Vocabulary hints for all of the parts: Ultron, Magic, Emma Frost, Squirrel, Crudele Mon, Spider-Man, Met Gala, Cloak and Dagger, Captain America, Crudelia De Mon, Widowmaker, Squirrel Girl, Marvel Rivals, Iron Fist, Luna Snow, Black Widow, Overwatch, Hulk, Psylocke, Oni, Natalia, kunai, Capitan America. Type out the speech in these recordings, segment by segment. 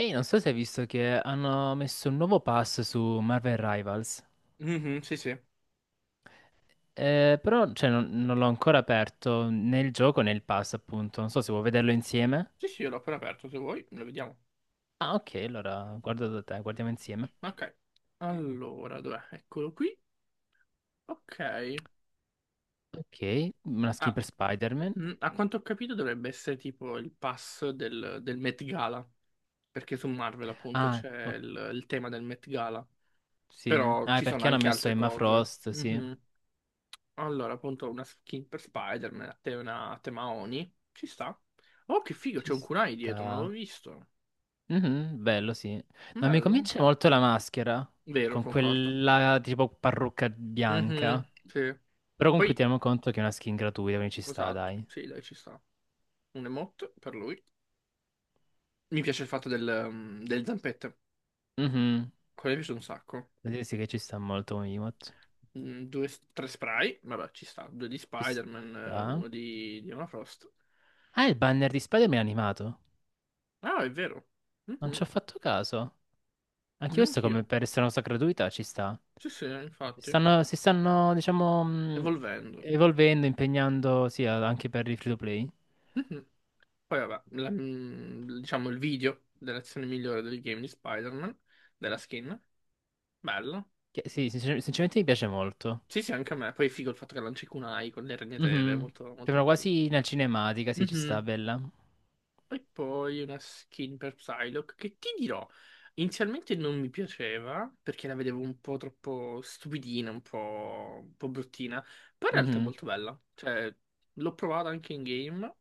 Ehi, non so se hai visto che hanno messo un nuovo pass su Marvel Rivals. Mhm, sì, sì. Però cioè, non l'ho ancora aperto nel gioco nel pass, appunto. Non so se vuoi vederlo insieme. Sì, sì, io l'ho appena aperto, se vuoi, lo vediamo. Ah, ok, allora guardo da te, guardiamo insieme. Ok. Allora, dov'è? Eccolo qui. Ok. Ok, una skin Ah, per Spider-Man. A quanto ho capito dovrebbe essere tipo il pass del Met Gala, perché su Marvel appunto Ah, c'è il tema del Met Gala, sì. però Ah, è ci sono perché hanno anche messo altre Emma cose. Frost, sì. Mhm. Allora, appunto, una skin per Spider-Man, una a tema Oni, ci sta. Oh, che figo, Ci c'è un kunai dietro, non sta. l'ho visto. Mhm, bello, sì. Non mi Bello. convince molto la maschera, Vero, con concordo. quella tipo parrucca Mhm, bianca. sì. Però comunque Poi. teniamo conto che è una skin gratuita, quindi ci sta, Esatto, dai. sì, dai, ci sta. Un emote per lui. Mi piace il fatto del, delle zampette. Mhm. Quello mi piace un sacco. Vuol dire sì che ci sta molto un emote. Due, tre spray, vabbè, ci sta. Due di Ci Spider-Man, sta. uno di Emma Frost. Ah, il banner di Spider-Man è animato. Ah, è vero. Non ci Mhm, ho fatto caso. Anche questo come neanch'io. per essere una cosa gratuita ci sta. Sì, sì, Si infatti. stanno, si stanno, diciamo, Evolvendo. evolvendo, impegnando, sì, anche per il free to play. Mhm. Poi, vabbè, diciamo il video dell'azione migliore del game di Spider-Man, della skin. Bello. Che, sì, sinceramente mi piace molto. Sì, sì, anche a me. Poi è figo il fatto che lanci kunai con le ragnatele, è Mhm. molto, molto Sembra bello. quasi una cinematica, sì, ci sta, Mhm. bella. E poi una skin per Psylocke che ti dirò, inizialmente non mi piaceva perché la vedevo un po' troppo stupidina, un po' bruttina, però in realtà è Mhm. molto bella. Cioè, l'ho provata anche in game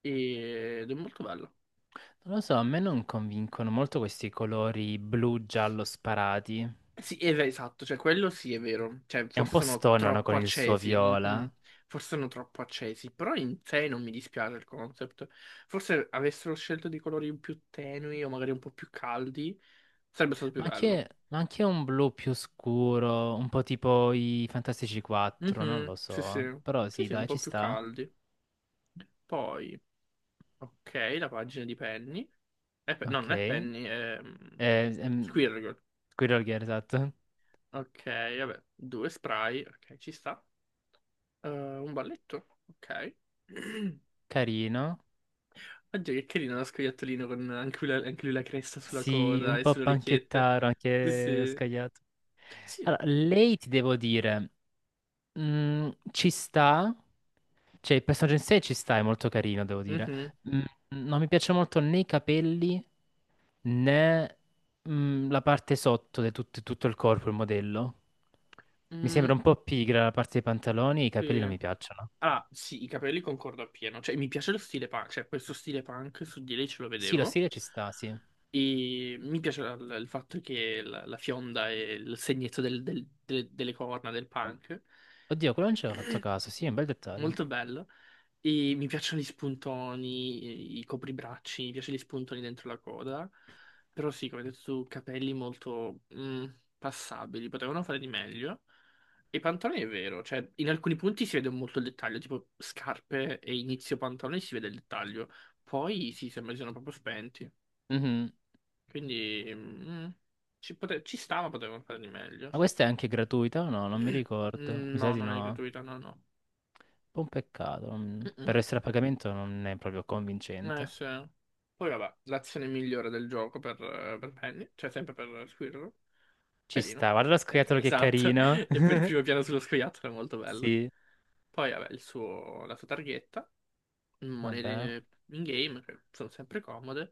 ed è molto bella. Non lo so, a me non convincono molto questi colori blu-giallo sparati. Eh sì, esatto, cioè quello sì è vero, cioè È un forse po' sono stonano troppo con il suo accesi, viola, mhm. Forse sono troppo accesi, però in sé non mi dispiace il concept. Forse avessero scelto dei colori più tenui o magari un po' più caldi, sarebbe stato più ma bello. anche, ma anche un blu più scuro, un po' tipo i Fantastici 4, non Mhm, lo sì, sì. so. Però Sì, sì, sì, un dai, po' ci più sta. caldi. Poi, ok, la pagina di Penny. No, Ok. non è Penny, è ehm, Squirrel. Squirrel Girl, esatto. Ok, vabbè, due spray. Ok, ci sta. Un balletto. Ok. Carino. Oggi che carino lo scoiattolino con anche lui la cresta sulla Sì, coda un e po' sulle orecchiette. panchettaro, Sì, anche ho sì. scagliato. Sì. Allora, lei ti devo dire, ci sta. Cioè, il personaggio in sé ci sta, è molto carino, devo dire. Mhm. Mm, non mi piace molto né i capelli né la parte sotto di tutto il corpo, il modello. Mi Mm, sembra un po' pigra la parte dei pantaloni e i capelli non sì. mi piacciono. Ah, sì, i capelli concordo appieno. Cioè, mi piace lo stile punk, cioè questo stile punk su di lei ce lo Sì, lo vedevo. stile ci sta, sì. E mi piace il fatto che la fionda e il segnetto delle corna del punk. Oddio, quello non ci avevo fatto caso, sì, è un bel dettaglio. Molto bello. E mi piacciono gli spuntoni, i copribracci, mi piacciono gli spuntoni dentro la coda. Però sì, come hai detto tu, capelli molto passabili, potevano fare di meglio. E i pantaloni è vero, cioè in alcuni punti si vede molto il dettaglio, tipo scarpe e inizio pantaloni si vede il dettaglio. Poi sì, sembra che siano proprio spenti. Mhm. Quindi ci stava, potevano fare di meglio. Ma questa è anche gratuita o no? Non mi ricordo. Mm, Mi sa no, di non è no. Un gratuita, no, no. po' un peccato. Per Mm-mm. essere a pagamento non è proprio Eh convincente. sì. Poi vabbè, l'azione migliore del gioco per, Penny, cioè sempre per Squirrel. Ci Pelino. sta, guarda lo scoiattolo che Esatto, carino. e per il primo piano sullo scoiattolo è molto bello. Sì. Poi vabbè, la sua targhetta, Vabbè. monete in game, che sono sempre comode.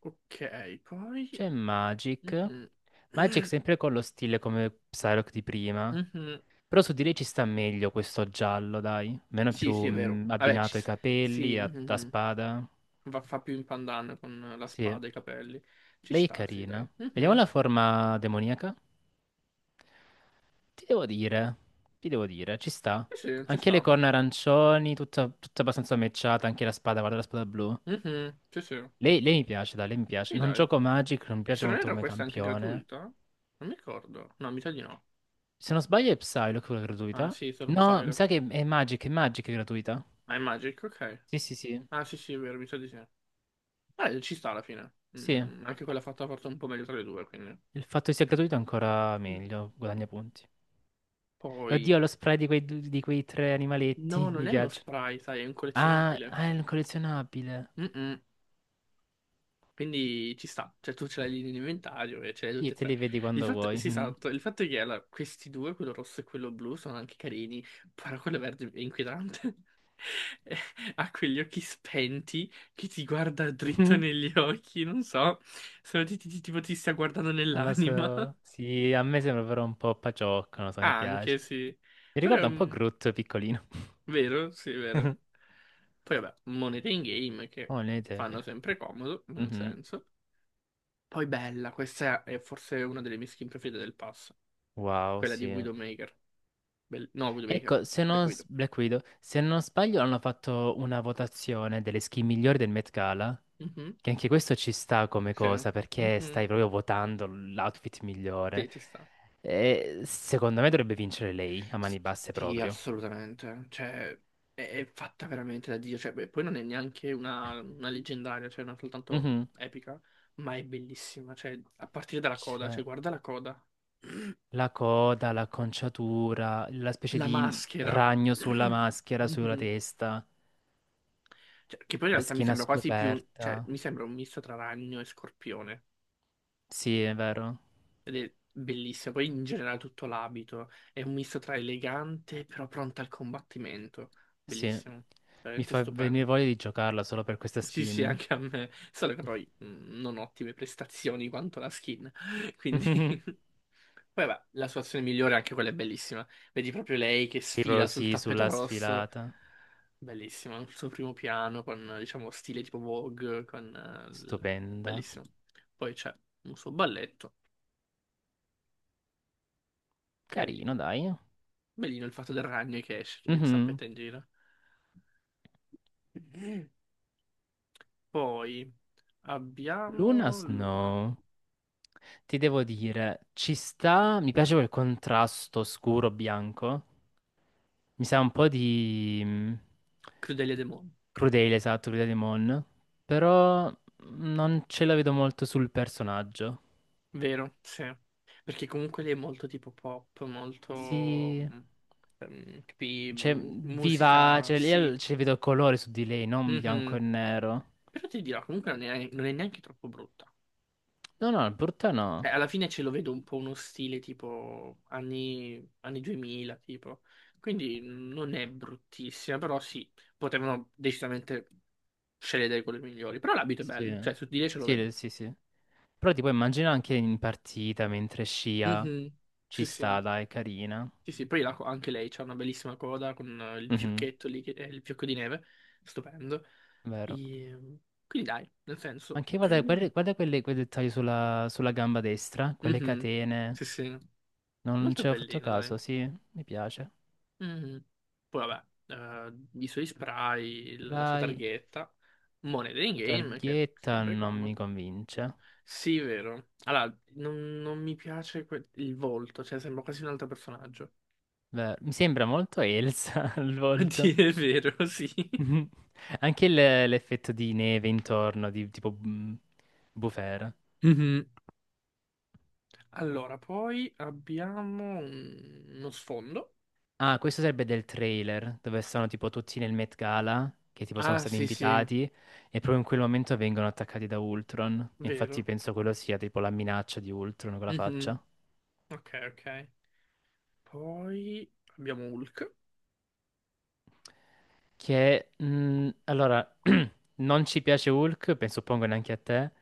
Ok, poi... C'è Magic. Mhm. Magic sempre con lo stile come Psylocke di prima. Mhm. Però su di lei ci sta meglio questo giallo, dai. Meno Sì, più sì, è vero. Vabbè, abbinato ai sì, capelli, a mhm. spada. Va, fa più in pandan con la Sì, spada e i capelli. Ci lei è sta, sì, carina. dai. Vediamo Mhm, la sì, forma demoniaca. Ti devo dire, ti devo dire, ci sta. sì, sì, ci Anche le sta. corna arancioni, tutta abbastanza matchata, anche la spada, guarda la spada blu. Mhm, sì, sì. Lei mi piace, dai, lei mi piace. Sì, Non dai. gioco Magic, non mi E piace se non molto erro come questa è anche campione. gratuita? Non mi ricordo. No, mi sa di no. Se non sbaglio è Psylocke quella Ah, gratuita. sì, solo No, mi Psylocke. sa che è Magic, è gratuita. Ah, è Magic, ok. Sì, sì, sì. Ah, sì, sì, è vero, mi sa di sì. Ah, ci sta alla fine. Sì, Anche quella fatta forse un po' meglio tra le due, quindi. il fatto che sia gratuito è ancora Mm. meglio, guadagna punti. Poi... Oddio, lo spray di di quei tre No, animaletti, non mi è uno piace. spray, sai, è un Ah, collezionabile. ah, è un collezionabile. Mm-mm. Quindi ci sta, cioè tu ce l'hai lì in inventario e ce l'hai Sì, tutte e te tre. li vedi Il quando fatto, vuoi. sì, Mhm. esatto, il fatto è che allora, questi due, quello rosso e quello blu, sono anche carini, però quello verde è inquietante. Eh, ha quegli occhi spenti che ti guarda dritto negli occhi, non so, se tipo ti stia guardando Non lo nell'anima. so. Sì, a me sembra però un po' paciocco, non lo so, mi Ah, anche, piace. sì. Mi Però ricorda un po' Groot piccolino. vero, sì, è vero. Poi vabbè, monete in game che Oh, le idee fanno che... sempre comodo, nel Mhm. senso. Poi bella, questa è forse una delle mie skin preferite del pass, Wow, quella di sì. Widowmaker. No, Widowmaker, Ecco, se Black non, s- Widow. Black Widow, se non sbaglio, hanno fatto una votazione delle skin migliori del Met Gala, Mhm, che anche questo ci sta come sì. cosa, perché Mhm, stai proprio votando l'outfit sì, migliore. ci sta. E secondo me dovrebbe vincere lei, a mani basse Sì, proprio. assolutamente. Cioè, è fatta veramente da Dio. Cioè, beh, poi non è neanche una leggendaria, cioè non soltanto Mhm. epica, ma è bellissima. Cioè, a partire dalla coda, Cioè, cioè, guarda la coda. la coda, l'acconciatura, la specie La di maschera. ragno sulla maschera, sulla Mhm. testa, Cioè, che poi in la realtà mi schiena sembra quasi più, cioè, scoperta. mi sembra un misto tra ragno e scorpione. Sì, è vero. Ed è bellissimo. Poi in generale tutto l'abito è un misto tra elegante però pronta al combattimento. Sì. Bellissimo, Mi veramente fa venire stupendo. voglia di giocarla solo per questa Sì, sì, skin. anche a me. Solo che poi non ottime prestazioni quanto la skin. Quindi, poi vabbè, la sua azione migliore, anche quella è bellissima. Vedi proprio lei che sfila sul Pirosi tappeto sulla rosso. sfilata. Bellissima, il suo primo piano con, diciamo, stile tipo Vogue, con... Stupenda. Bellissimo. Poi c'è un suo balletto, Carino, carino. dai. Bellino il fatto del ragno che esce e Mhm. zampetta in giro. Poi Luna abbiamo Luna, Snow. Ti devo dire, ci sta. Mi piace quel contrasto scuro-bianco. Mi sa un po' di Crudelia De Mon, Crudele, esatto, Crudele Mon. Però non ce la vedo molto sul personaggio. vero? Sì. Perché comunque lei è molto tipo pop, molto Sì. Capi, Cioè, musica, vivace. sì. Io ci vedo colore su di lei, non bianco Mhm. e nero. Però ti dirò, comunque non è neanche troppo brutta. No, no, brutta no. Cioè, alla fine ce lo vedo un po' uno stile tipo anni 2000, tipo. Quindi non è bruttissima, però sì, potevano decisamente sceglie dei colori migliori. Però l'abito è bello, Sì, cioè su di lei ce lo sì, vedo. Sì, sì. Però ti puoi immaginare anche in partita mentre scia Mhm. ci Sì, sì. sta, dai, è carina. Sì, sì, poi anche lei c'ha una bellissima coda con il Mhm, fiocchetto lì, che è il fiocco di neve, stupendo. vero. E, Quindi dai, nel senso... Anche guarda, guarda, guarda quei dettagli sulla gamba destra, quelle Mhm. catene. Sì, sì, Non molto ci avevo fatto bellino, dai. caso, sì, mi piace. Mhm. Poi vabbè, i suoi spray, la sua Rai, targhetta, monete in la game, che è targhetta sempre non mi comodo. convince. Sì, vero. Allora, non mi piace il volto, cioè sembra quasi un altro personaggio. Beh, mi sembra molto Elsa al A volto. dire il vero, sì. Anche l'effetto di neve intorno, di tipo bufera. Mhm. Allora, poi abbiamo uno sfondo. Ah, questo sarebbe del trailer, dove sono tipo tutti nel Met Gala, che tipo sono Ah, stati sì, sì, invitati, e proprio in quel momento vengono attaccati da Ultron. Infatti vero. penso quello sia tipo la minaccia di Ultron con la Mhm. faccia. Ok, ok. Poi abbiamo Hulk. Che, allora, non ci piace Hulk, penso suppongo neanche a te,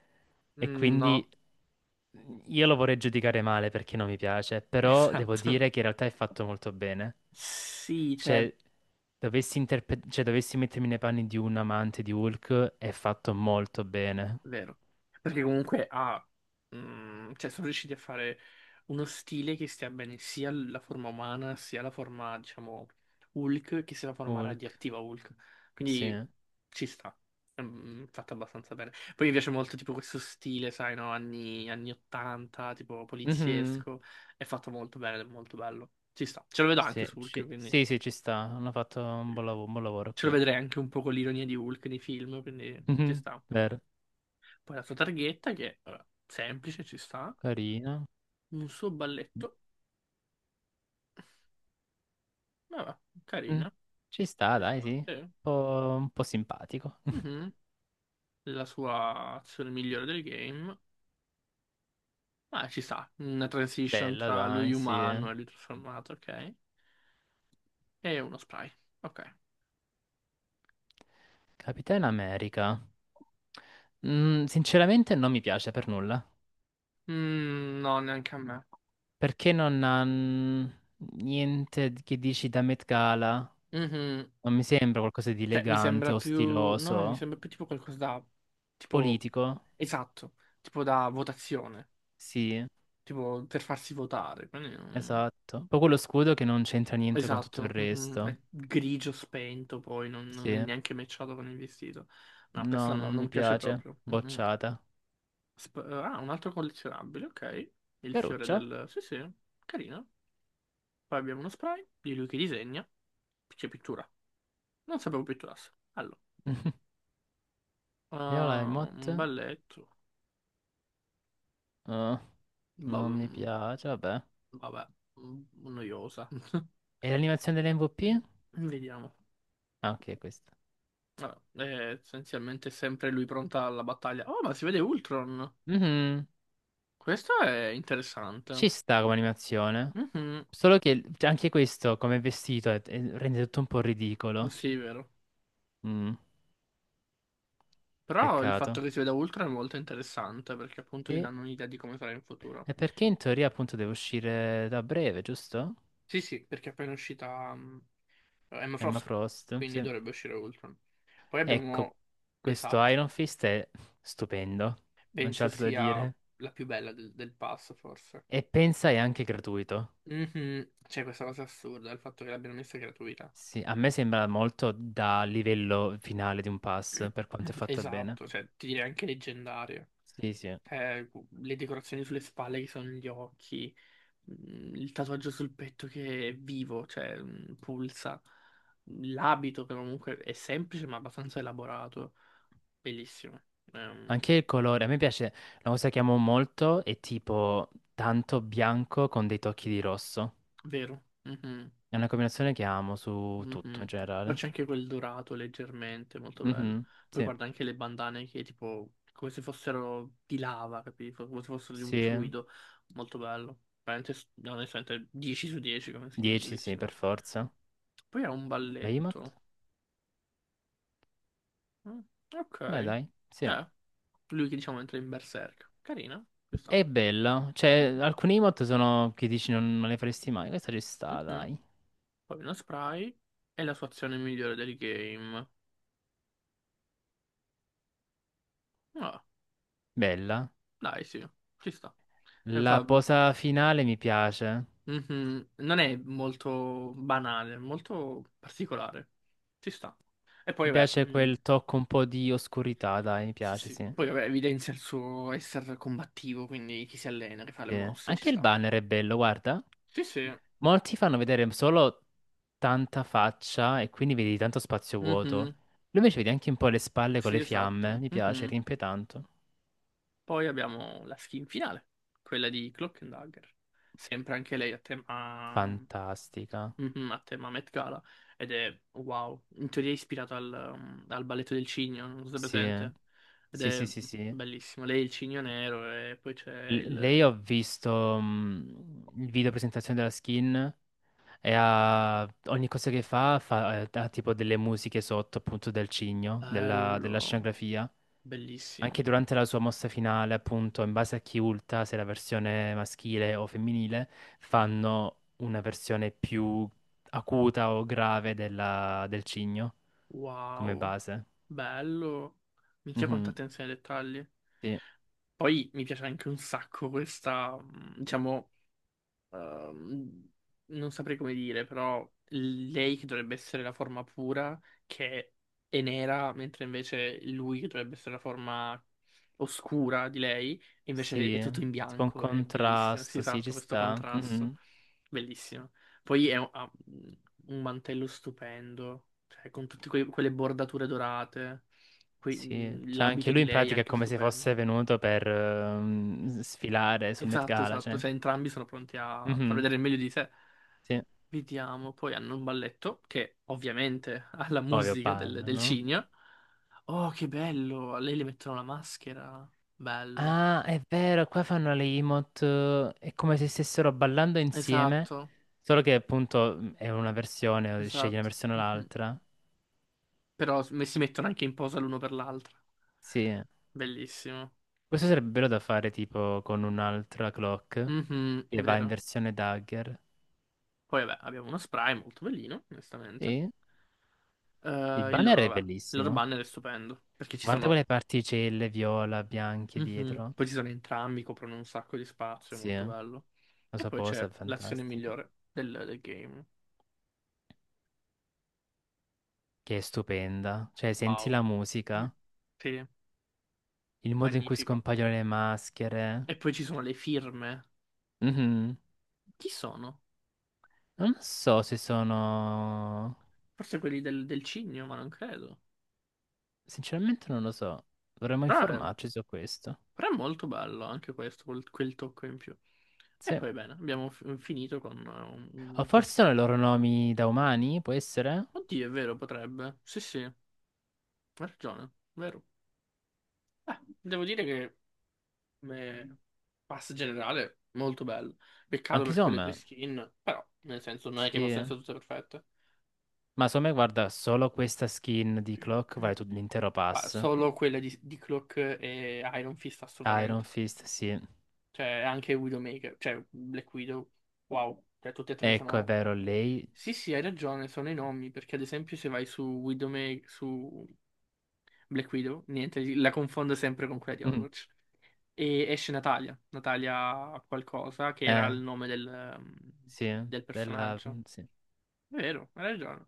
e Mm, no, quindi io lo vorrei giudicare male perché non mi piace, però devo esatto. dire che in realtà è fatto molto bene. Sì, cioè, Cioè, dovessi mettermi nei panni di un amante di Hulk, è fatto molto bene. vero. Perché comunque ha, cioè sono riusciti a fare uno stile che stia bene sia la forma umana, sia la forma, diciamo, Hulk, che sia la forma Hulk, radioattiva Hulk. Quindi sì. ci sta. Fatto abbastanza bene. Poi mi piace molto tipo questo stile, sai, no? Anni 80, tipo Mhm, poliziesco. È fatto molto bene, ed è molto bello. Ci sta. Ce lo vedo anche sì, su Hulk, quindi sì, sì, ci sta, hanno fatto un buon un buon lavoro, ce lo qui. vedrei anche un po' con l'ironia di Hulk nei film, quindi ci Mhm, sta. vero, Poi la sua targhetta che, vabbè, semplice, ci sta. carino. Un suo balletto, vabbè, Mm, carina, Ci sta, ci dai, sì. sta, Un sì. po', un po' simpatico. Mhm. La sua azione migliore del game. Ah, ci sta. Una transition Bella, tra lui dai, sì. umano e lui trasformato, ok. E uno spray, ok. Capitan America. Sinceramente non mi piace per nulla. Mm, no, neanche a me. Perché non ha niente che dici da Met Gala? Mhm. Non mi sembra qualcosa di Cioè, mi sembra elegante o più... No, mi stiloso. sembra più tipo qualcosa da... Tipo... Politico? Esatto. Tipo da votazione. Sì, Tipo per farsi votare. Quindi... mm. esatto. Poi quello scudo che non c'entra niente con tutto il Esatto, mhm, resto. è grigio spento, poi non è Sì. neanche matchato con il vestito. No, questo No, non, non mi non piace piace. proprio. Mhm. Bocciata. Ah, un altro collezionabile, ok. Il fiore Caruccia. del... Sì, sì, carino. Poi abbiamo uno spray di lui che disegna. C'è pittura. Non sapevo pitturasse. Allora, Viola ah, un Emot. balletto. Ah, Ba- non mi piace, vabbè. Vabbè, mm, noiosa. E l'animazione dell'MVP? Vediamo. Ah, ok, questa. Vabbè, è essenzialmente sempre lui pronta alla battaglia. Oh, ma si vede Ultron. Mhm, Questo è interessante. ci sta come animazione. Mhm, Solo che cioè, anche questo come vestito rende tutto un po' ridicolo. sì, è vero. Mm, Però il fatto peccato. che si veda Ultron è molto interessante perché appunto ti Sì. danno un'idea di come sarà in futuro. E perché in teoria appunto deve uscire da breve, giusto? Sì, sì, perché è appena uscita Emma Emma Frost, Frost, quindi sì. dovrebbe uscire Ultron. Poi abbiamo... Ecco, questo Esatto. Iron Fist è stupendo, non c'è Penso altro da sia dire. la più bella del pass, forse. E pensa è anche gratuito. Mhm, c'è questa cosa assurda, il fatto che l'abbiano messa gratuita. Sì, a me sembra molto da livello finale di un pass, per quanto è fatta bene. Esatto, cioè ti direi anche leggendaria. Sì, sì. Cioè, le decorazioni sulle spalle che sono gli occhi. Il tatuaggio sul petto che è vivo, cioè pulsa, l'abito che comunque è semplice ma abbastanza elaborato, bellissimo, Anche il Ehm, colore, a me piace, la cosa che amo molto è tipo tanto bianco con dei tocchi di rosso. Vero? Mhm, È una combinazione che amo su tutto in mhm. Poi generale. c'è anche quel dorato leggermente, molto bello. Mhm, Poi sì, guarda anche le bandane che tipo come se fossero di lava, capito? Come se fossero di un sì. fluido, molto bello. Veramente, no, onestamente, 10 su 10 come skin, 10, sì, bellissimo. per forza. Poi ha un La emote? balletto. Mm, ok. Dai, sì. Eh. Lui che diciamo entra in berserk. Carina, ci sta. È bella, cioè Mhm, alcuni emote sono che dici non le faresti mai, questa ci sta, mhm. dai. Poi uno spray. È la sua azione migliore del game. Ah, Bella. dai, sì, ci sta. E La fa- posa finale mi piace. mhm. Non è molto banale, è molto particolare. Ci sta. E poi, Mi vabbè, piace quel tocco un po' di oscurità, dai, mi sì, piace, sì. sì. Poi, vabbè, evidenzia il suo essere combattivo, quindi chi si allena, che fa le Sì. mosse, ci Anche il sta. banner è bello, guarda. Sì, sì. Molti fanno vedere solo tanta faccia e quindi vedi tanto spazio vuoto. Mhm. Lui invece vedi anche un po' le spalle con Sì, le fiamme, esatto. mi piace, Mhm. riempie tanto. Poi abbiamo la skin finale, quella di Cloak and Dagger. Sempre anche lei Fantastica. A tema Met Gala. Ed è wow. In teoria è ispirato al balletto del cigno, non so se è Sì, presente. Ed sì, sì, è sì, sì. bellissimo. Lei è il cigno nero e poi c'è Lei il ho visto il video presentazione della skin e ha, ogni cosa che fa, fa ha tipo delle musiche sotto appunto del cigno, della bello. scenografia. Bellissimo. Anche durante la sua mossa finale, appunto, in base a chi ulta, se la versione maschile o femminile, fanno una versione più acuta o grave del cigno come Wow. base. Bello. Minchia quanta Mhm, attenzione ai dettagli. sì, Poi mi piace anche un sacco questa, diciamo. ehm, Non saprei come dire, però lei che dovrebbe essere la forma pura, che è nera, mentre invece lui che dovrebbe essere la forma oscura di lei, invece è sì, tutto in tipo un bianco, è bellissimo, si contrasto, sì, ci esatto, questo sta. contrasto, Mhm, bellissimo. Poi ha un mantello stupendo, cioè con tutte quelle bordature dorate, sì, cioè anche l'abito lui di in lei è pratica è anche come se stupendo. fosse venuto per sfilare sul Met Esatto, Gala, esatto, cioè. cioè entrambi sono pronti a far Mhm, vedere il meglio di sé. sì, Vediamo, poi hanno un balletto che ovviamente ha la ovvio, musica del, ballo, del no? cigno. Oh, che bello! A lei le mettono la maschera. Bello. Ah, è vero, qua fanno le emote, è come se stessero ballando insieme, Esatto, solo che appunto è una versione, scegli una esatto. versione o Mhm. l'altra. Però si mettono anche in posa l'uno per l'altra. Sì, Bellissimo. questo sarebbe bello da fare tipo con un'altra clock Mhm, che va in vero. versione dagger. Poi vabbè, abbiamo uno spray molto bellino, onestamente. Sì, il banner è Vabbè, il loro bellissimo. banner è stupendo, perché ci Guarda sono quelle particelle viola, bianche Mhm. dietro. Poi ci sono entrambi, coprono un sacco di spazio, è Sì, molto bello. lo E poi saposa c'è è l'azione fantastica. migliore del game. Che è stupenda. Cioè, senti Wow. la Mm. musica, Sì, il modo in cui magnifico. scompaiono le maschere. E poi ci sono le firme. Mhm. Chi sono? Non so se sono... Forse quelli del cigno, ma non credo. Sinceramente non lo so. Dovremmo Però è, informarci su questo. però è molto bello anche questo, quel tocco in più. E Sì. poi bene, abbiamo finito con O uno forse sono i sfondo. loro nomi da umani, può essere? Oddio, è vero, potrebbe. Sì, sì, hai ragione, vero. Devo dire che come pass generale, molto bello. Peccato Anche per quelle due Somme. skin, però, nel senso, non è che possono Sì. essere tutte perfette. Ma Somme, guarda, solo questa skin di Clock vale tutto l'intero Ma pass. solo quelle di Cloak e Iron Fist, Iron assolutamente. Fist, sì. Cioè, anche Widowmaker, cioè Black Widow, wow. Cioè, tutte e tre Ecco, è sono... vero, lei... Sì, sì, hai ragione, sono i nomi, perché ad esempio se vai su Widowmaker, su Black Widow, niente, la confondo sempre con quella di Mm. Overwatch. E esce Natalia, Natalia qualcosa, che era Eh, il nome del, ehm, sì. del Bella... personaggio. Sì. Vero, hai ragione.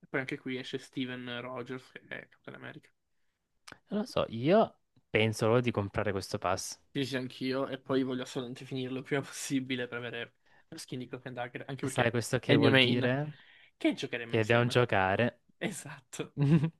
E poi anche qui esce Steven Rogers, che è Captain America. Non lo so, io penso solo di comprare questo pass. Sì, sì, anch'io. E poi voglio assolutamente finirlo il prima possibile per avere lo skin di Cloak and Dagger, anche E sai perché questo è che il mio vuol main. dire? Che giocheremo Che dobbiamo insieme. giocare. Esatto.